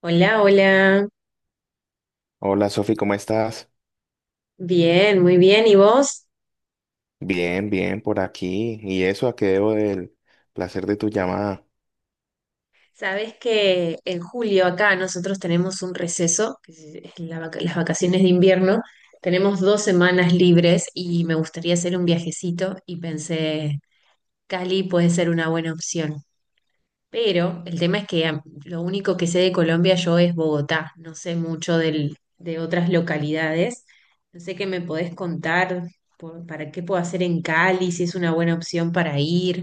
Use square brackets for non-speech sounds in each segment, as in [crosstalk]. Hola, hola. Hola Sofi, ¿cómo estás? Bien, muy bien. ¿Y vos? Bien, bien, por aquí. ¿Y eso a qué debo del placer de tu llamada? Sabés que en julio acá nosotros tenemos un receso, que es las vacaciones de invierno. Tenemos dos semanas libres y me gustaría hacer un viajecito y pensé, Cali puede ser una buena opción. Pero el tema es que lo único que sé de Colombia yo es Bogotá. No sé mucho de otras localidades. No sé qué me podés contar para qué puedo hacer en Cali, si es una buena opción para ir.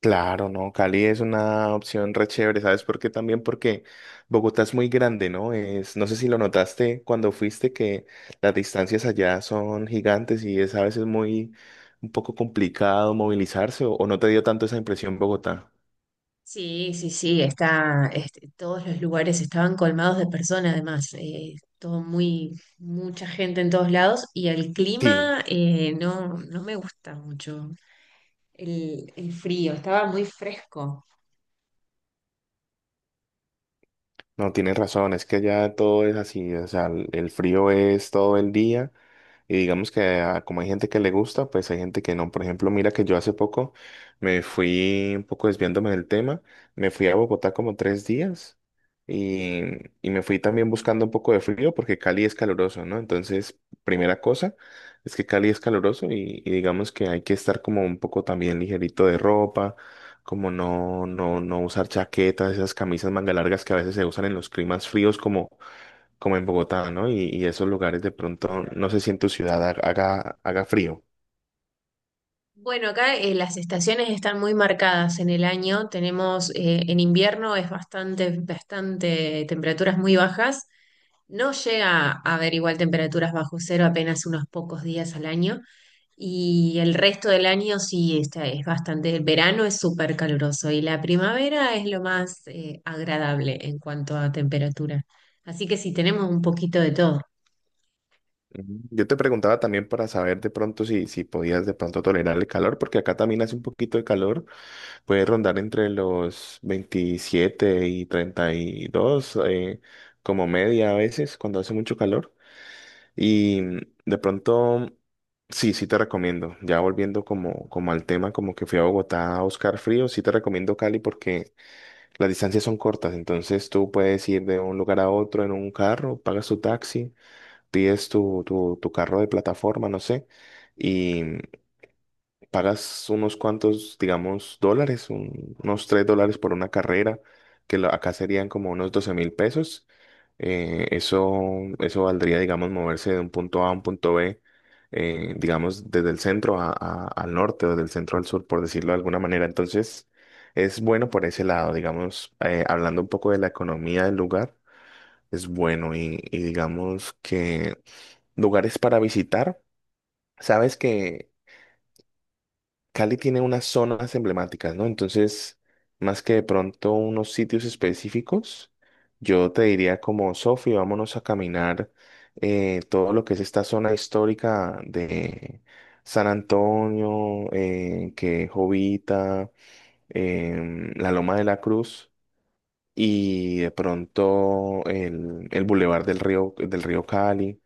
Claro, no, Cali es una opción re chévere, ¿sabes por qué? También porque Bogotá es muy grande, ¿no? Es, no sé si lo notaste cuando fuiste que las distancias allá son gigantes y es a veces muy un poco complicado movilizarse o no te dio tanto esa impresión Bogotá. Sí, sí, sí, todos los lugares estaban colmados de personas, además, todo mucha gente en todos lados y el Sí, clima no, no me gusta mucho el frío, estaba muy fresco. no, tienes razón, es que allá todo es así, o sea, el frío es todo el día. Y digamos que como hay gente que le gusta, pues hay gente que no. Por ejemplo, mira que yo hace poco me fui un poco desviándome del tema, me fui a Bogotá como 3 días y, y me fui también buscando un poco de frío porque Cali es caluroso, ¿no? Entonces, primera cosa es que Cali es caluroso y digamos que hay que estar como un poco también ligerito de ropa, como no usar chaquetas, esas camisas manga largas que a veces se usan en los climas fríos como en Bogotá, ¿no? Y esos lugares de pronto, no sé si en tu ciudad haga frío. Bueno, acá las estaciones están muy marcadas en el año, tenemos en invierno es bastante temperaturas muy bajas, no llega a haber igual temperaturas bajo cero apenas unos pocos días al año. Y el resto del año sí, es bastante, el verano es súper caluroso y la primavera es lo más agradable en cuanto a temperatura. Así que sí, tenemos un poquito de todo. Ujú. Yo te preguntaba también para saber de pronto si podías de pronto tolerar el calor, porque acá también hace un poquito de calor, puede rondar entre los 27 y 32, como media a veces cuando hace mucho calor. Y de pronto, sí, sí te recomiendo, ya volviendo como al tema, como que fui a Bogotá a buscar frío, sí te recomiendo Cali porque... Las distancias son cortas, entonces tú puedes ir de un lugar a otro en un carro, pagas tu taxi, pides tu carro de plataforma, no sé, pagas unos cuantos, digamos, dólares, unos $3 por una carrera, que acá serían como unos $12.000. Eh, eso, eso valdría, digamos, moverse de un punto A a un punto B, digamos, desde el centro al norte o del centro al sur, por decirlo de alguna manera. Entonces, es bueno por ese lado, digamos, hablando un poco de la economía del lugar, es bueno y digamos que lugares para visitar. Sabes que Cali tiene unas zonas emblemáticas, ¿no? Entonces, más que de pronto unos sitios específicos, yo te diría como, Sofi, vámonos a caminar todo lo que es esta zona histórica de San Antonio, que Jovita, la Loma de la Cruz y de pronto el Boulevard del Río Cali.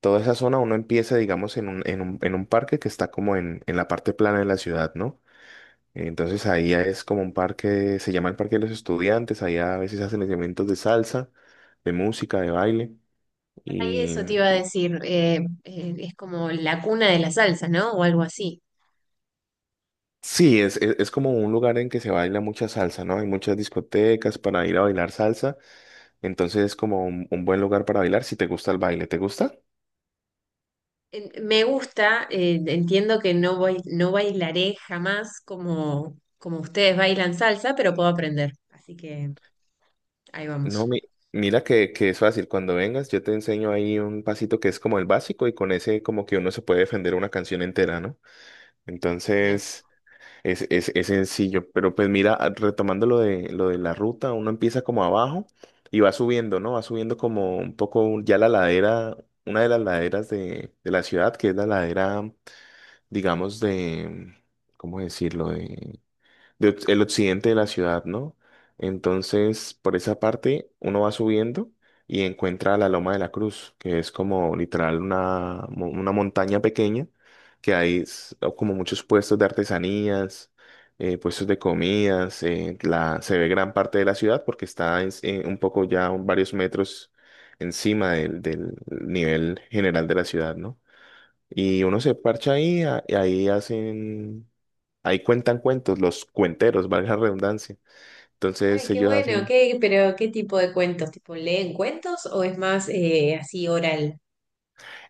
Toda esa zona uno empieza, digamos, en un parque que está como en la parte plana de la ciudad, ¿no? Entonces ahí es como un parque, se llama el Parque de los Estudiantes, ahí a veces hacen eventos de salsa, de música, de baile. Y Y eso te iba a y decir, es como la cuna de la salsa, ¿no? O algo así. sí, es como un lugar en que se baila mucha salsa, ¿no? Hay muchas discotecas para ir a bailar salsa. Entonces es como un buen lugar para bailar si te gusta el baile. ¿Te gusta? Me gusta, entiendo que no bailaré jamás como, como ustedes bailan salsa, pero puedo aprender. Así que ahí No, vamos. Mira que es fácil. Cuando vengas, yo te enseño ahí un pasito que es como el básico y con ese como que uno se puede defender una canción entera, ¿no? Entonces... Es sencillo, pero pues mira, retomando lo de la ruta, uno empieza como abajo y va subiendo, ¿no? Va subiendo como un poco ya la ladera, una de las laderas de la ciudad, que es la ladera, digamos, de, ¿cómo decirlo? El occidente de la ciudad, ¿no? Entonces, por esa parte, uno va subiendo y encuentra la Loma de la Cruz, que es como literal una montaña pequeña, que hay como muchos puestos de artesanías, puestos de comidas, se ve gran parte de la ciudad porque está en un poco ya varios metros encima del nivel general de la ciudad, ¿no? Y uno se parcha ahí, y ahí hacen, ahí cuentan cuentos, los cuenteros, valga la redundancia. Ay, Entonces qué ellos bueno, hacen, qué, pero ¿qué tipo de cuentos? ¿Tipo leen cuentos o es más así oral?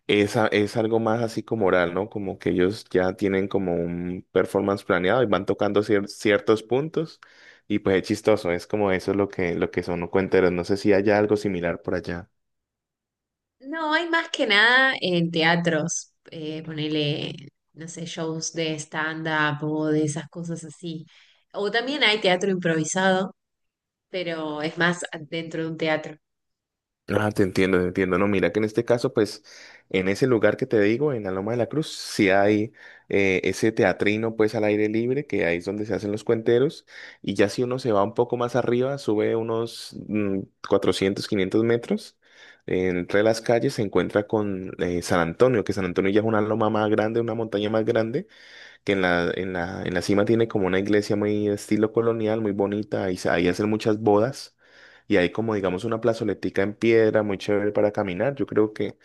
esa, es algo más así como oral, ¿no? Como que ellos ya tienen como un performance planeado y van tocando ciertos puntos y pues es chistoso, es como eso es lo que son los cuenteros. No sé si haya algo similar por allá. No, hay más que nada en teatros, ponele, no sé, shows de stand-up o de esas cosas así. O también hay teatro improvisado, pero es más dentro de un teatro. Ah, te entiendo, te entiendo. No, mira que en este caso, pues, en ese lugar que te digo, en la Loma de la Cruz, sí hay ese teatrino, pues, al aire libre, que ahí es donde se hacen los cuenteros. Y ya si uno se va un poco más arriba, sube unos 400, 500 metros, entre las calles se encuentra con San Antonio, que San Antonio ya es una loma más grande, una montaña más grande que en la cima tiene como una iglesia muy estilo colonial, muy bonita, ahí, ahí hacen muchas bodas y hay como digamos una plazoletica en piedra muy chévere para caminar. Yo creo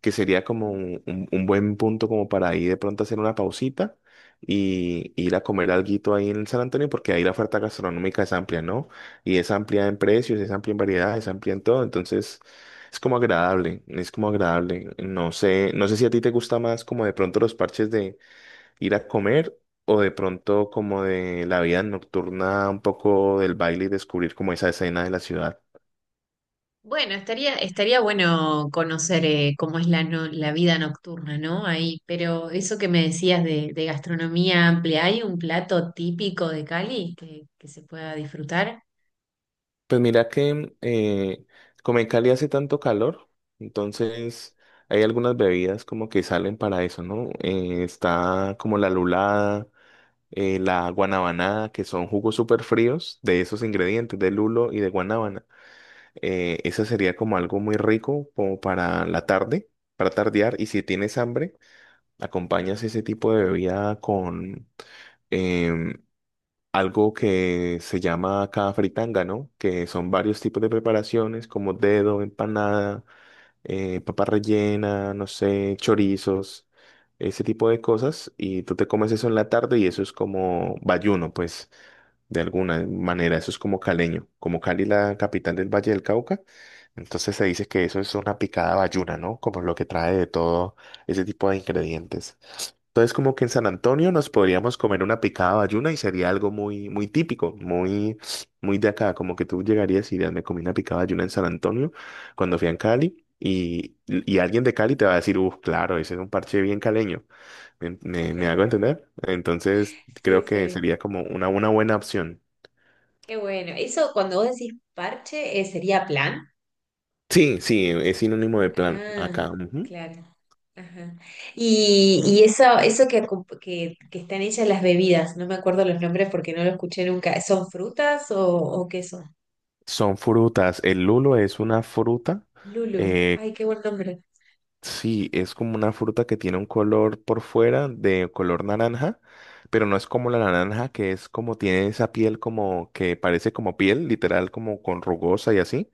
que sería como un buen punto como para ahí de pronto hacer una pausita y ir a comer alguito ahí en San Antonio porque ahí la oferta gastronómica es amplia, ¿no? Y es amplia en precios, es amplia en variedad, es amplia en todo, entonces... Es como agradable, es como agradable. No sé, no sé si a ti te gusta más como de pronto los parches ir a comer o de pronto como de la vida nocturna, un poco del baile y descubrir como esa escena de la ciudad. Bueno, estaría bueno conocer cómo es la vida nocturna, ¿no? Ahí, pero eso que me decías de gastronomía amplia, ¿hay un plato típico de Cali que se pueda disfrutar? Pues mira que como en Cali hace tanto calor, entonces hay algunas bebidas como que salen para eso, ¿no? Está como la lulada, la guanabanada, que son jugos súper fríos de esos ingredientes, de lulo y de guanábana. Esa sería como algo muy rico como para la tarde, para tardear. Y si tienes hambre, acompañas ese tipo de bebida con em, algo que se llama acá fritanga, ¿no? Que son varios tipos de preparaciones como dedo, empanada, papa rellena, no sé, chorizos, ese tipo de cosas. Y tú te comes eso en la tarde y eso es como bayuno, pues de alguna manera. Eso es como caleño, como Cali, la capital del Valle del Cauca. Entonces se dice que eso es una picada bayuna, ¿no? Como lo que trae de todo ese tipo de ingredientes. Entonces, como que en San Antonio nos podríamos comer una picada bayuna y sería algo muy, muy típico, muy, muy de acá. Como que tú llegarías y dirías, me comí una picada bayuna en San Antonio cuando fui a Cali. Y alguien de Cali te va a decir, uff, claro, ese es un parche bien caleño. ¿Me hago [laughs] entender? Entonces, Sí, creo que sí, sería como una buena opción. qué bueno. Eso cuando vos decís parche, ¿eh, sería plan? Sí, sí, es sinónimo de plan Ah, acá. Ujú. claro. Ajá. Y eso, que están hechas las bebidas, no me acuerdo los nombres porque no lo escuché nunca. ¿Son frutas o qué son? Son frutas. El lulo es una fruta. Lulu, eh, ay, qué buen nombre. sí, es como una fruta que tiene un color por fuera de color naranja, pero no es como la naranja, que es como tiene esa piel como que parece como piel, literal, como con rugosa y así,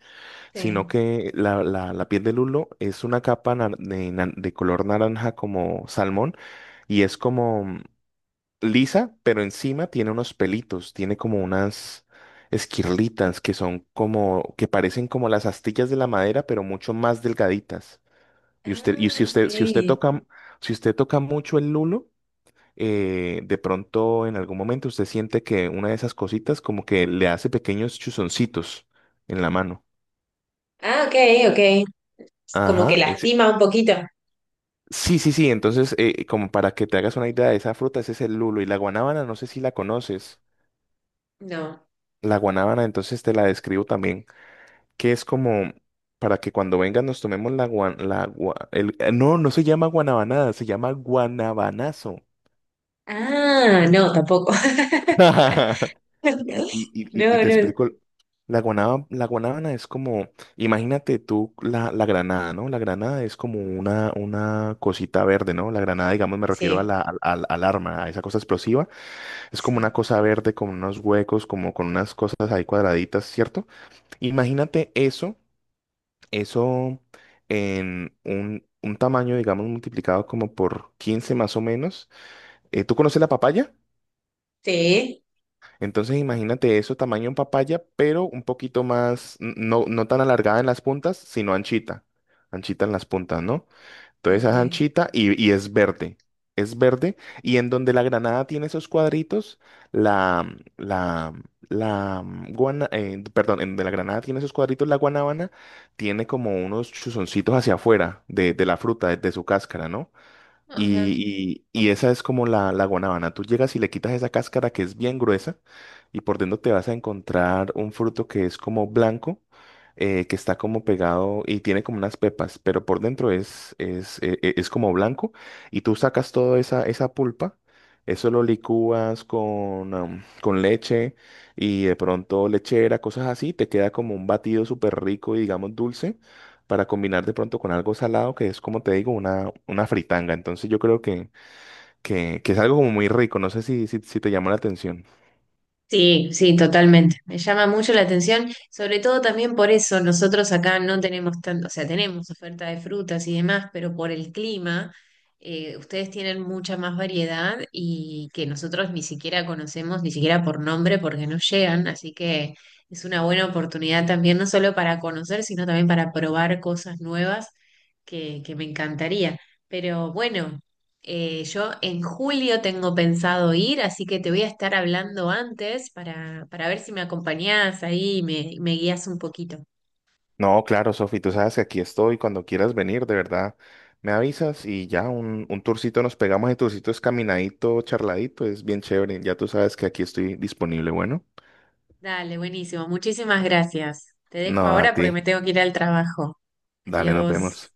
sino Sí. que la piel del lulo es una capa de color naranja como salmón y es como lisa, pero encima tiene unos pelitos, tiene como unas esquirlitas que son como, que parecen como las astillas de la madera, pero mucho más delgaditas. Y usted, y Ah, si usted, si usted ok. toca, si usted toca mucho el lulo, de pronto en algún momento usted siente que una de esas cositas como que le hace pequeños chuzoncitos en la mano. Ah, ok, ok. Como Ajá, que lastima un poquito. sí, sí, sí. Entonces, como para que te hagas una idea de esa fruta, ese es el lulo. Y la guanábana, no sé si la conoces. No. La guanábana, entonces te la describo también. Que es como para que cuando vengan nos tomemos la guan, la gua- el- no, no se llama guanabanada, se llama guanabanazo. Ah, no, tampoco. [laughs] [laughs] Y, y- y- No, y te no. explico, la guanábana es como, imagínate tú la granada, ¿no? La granada es como una cosita verde, ¿no? La granada, digamos, me refiero a Sí, al arma, a esa cosa explosiva. Es como una sí. cosa verde con unos huecos, como con unas cosas ahí cuadraditas, ¿cierto? Imagínate eso. Eso en un tamaño, digamos, multiplicado como por 15 más o menos. ¿Tú conoces la papaya? Sí. Entonces imagínate eso, tamaño en papaya, pero un poquito más, no, no tan alargada en las puntas, sino anchita. Anchita en las puntas, ¿no? Entonces es Ok. anchita y es verde. Es verde. Y en donde la granada tiene esos cuadritos, la, la, perdón, en donde la granada tiene esos cuadritos, la guanábana tiene como unos chuzoncitos hacia afuera de la fruta, de su cáscara, ¿no? Ajá. Y esa es como la guanábana. Tú llegas y le quitas esa cáscara que es bien gruesa y por dentro te vas a encontrar un fruto que es como blanco, que está como pegado y tiene como unas pepas, pero por dentro es como blanco y tú sacas toda esa pulpa. Eso lo licúas con, con leche y de pronto lechera, cosas así. Te queda como un batido súper rico y digamos dulce para combinar de pronto con algo salado, que es como te digo, una fritanga. Entonces yo creo que es algo como muy rico. No sé si te llama la atención. Sí, sí, totalmente. Me llama mucho la atención, sobre todo también por eso nosotros acá no tenemos tanto, o sea, tenemos oferta de frutas y demás, pero por el clima, ustedes tienen mucha más variedad y que nosotros ni siquiera conocemos, ni siquiera por nombre, porque no llegan, así que es una buena oportunidad también, no solo para conocer, sino también para probar cosas nuevas que me encantaría. Pero bueno, yo en julio tengo pensado ir, así que te voy a estar hablando antes para ver si me acompañás ahí y me guías un poquito. No, claro, Sofi, tú sabes que aquí estoy. Cuando quieras venir, de verdad, me avisas y ya un tourcito nos pegamos. El tourcito es caminadito, charladito, es bien chévere. Ya tú sabes que aquí estoy disponible. Bueno, Dale, buenísimo. Muchísimas gracias. Te dejo no, a ahora porque ti. me tengo que ir al trabajo. Dale, nos Adiós. vemos.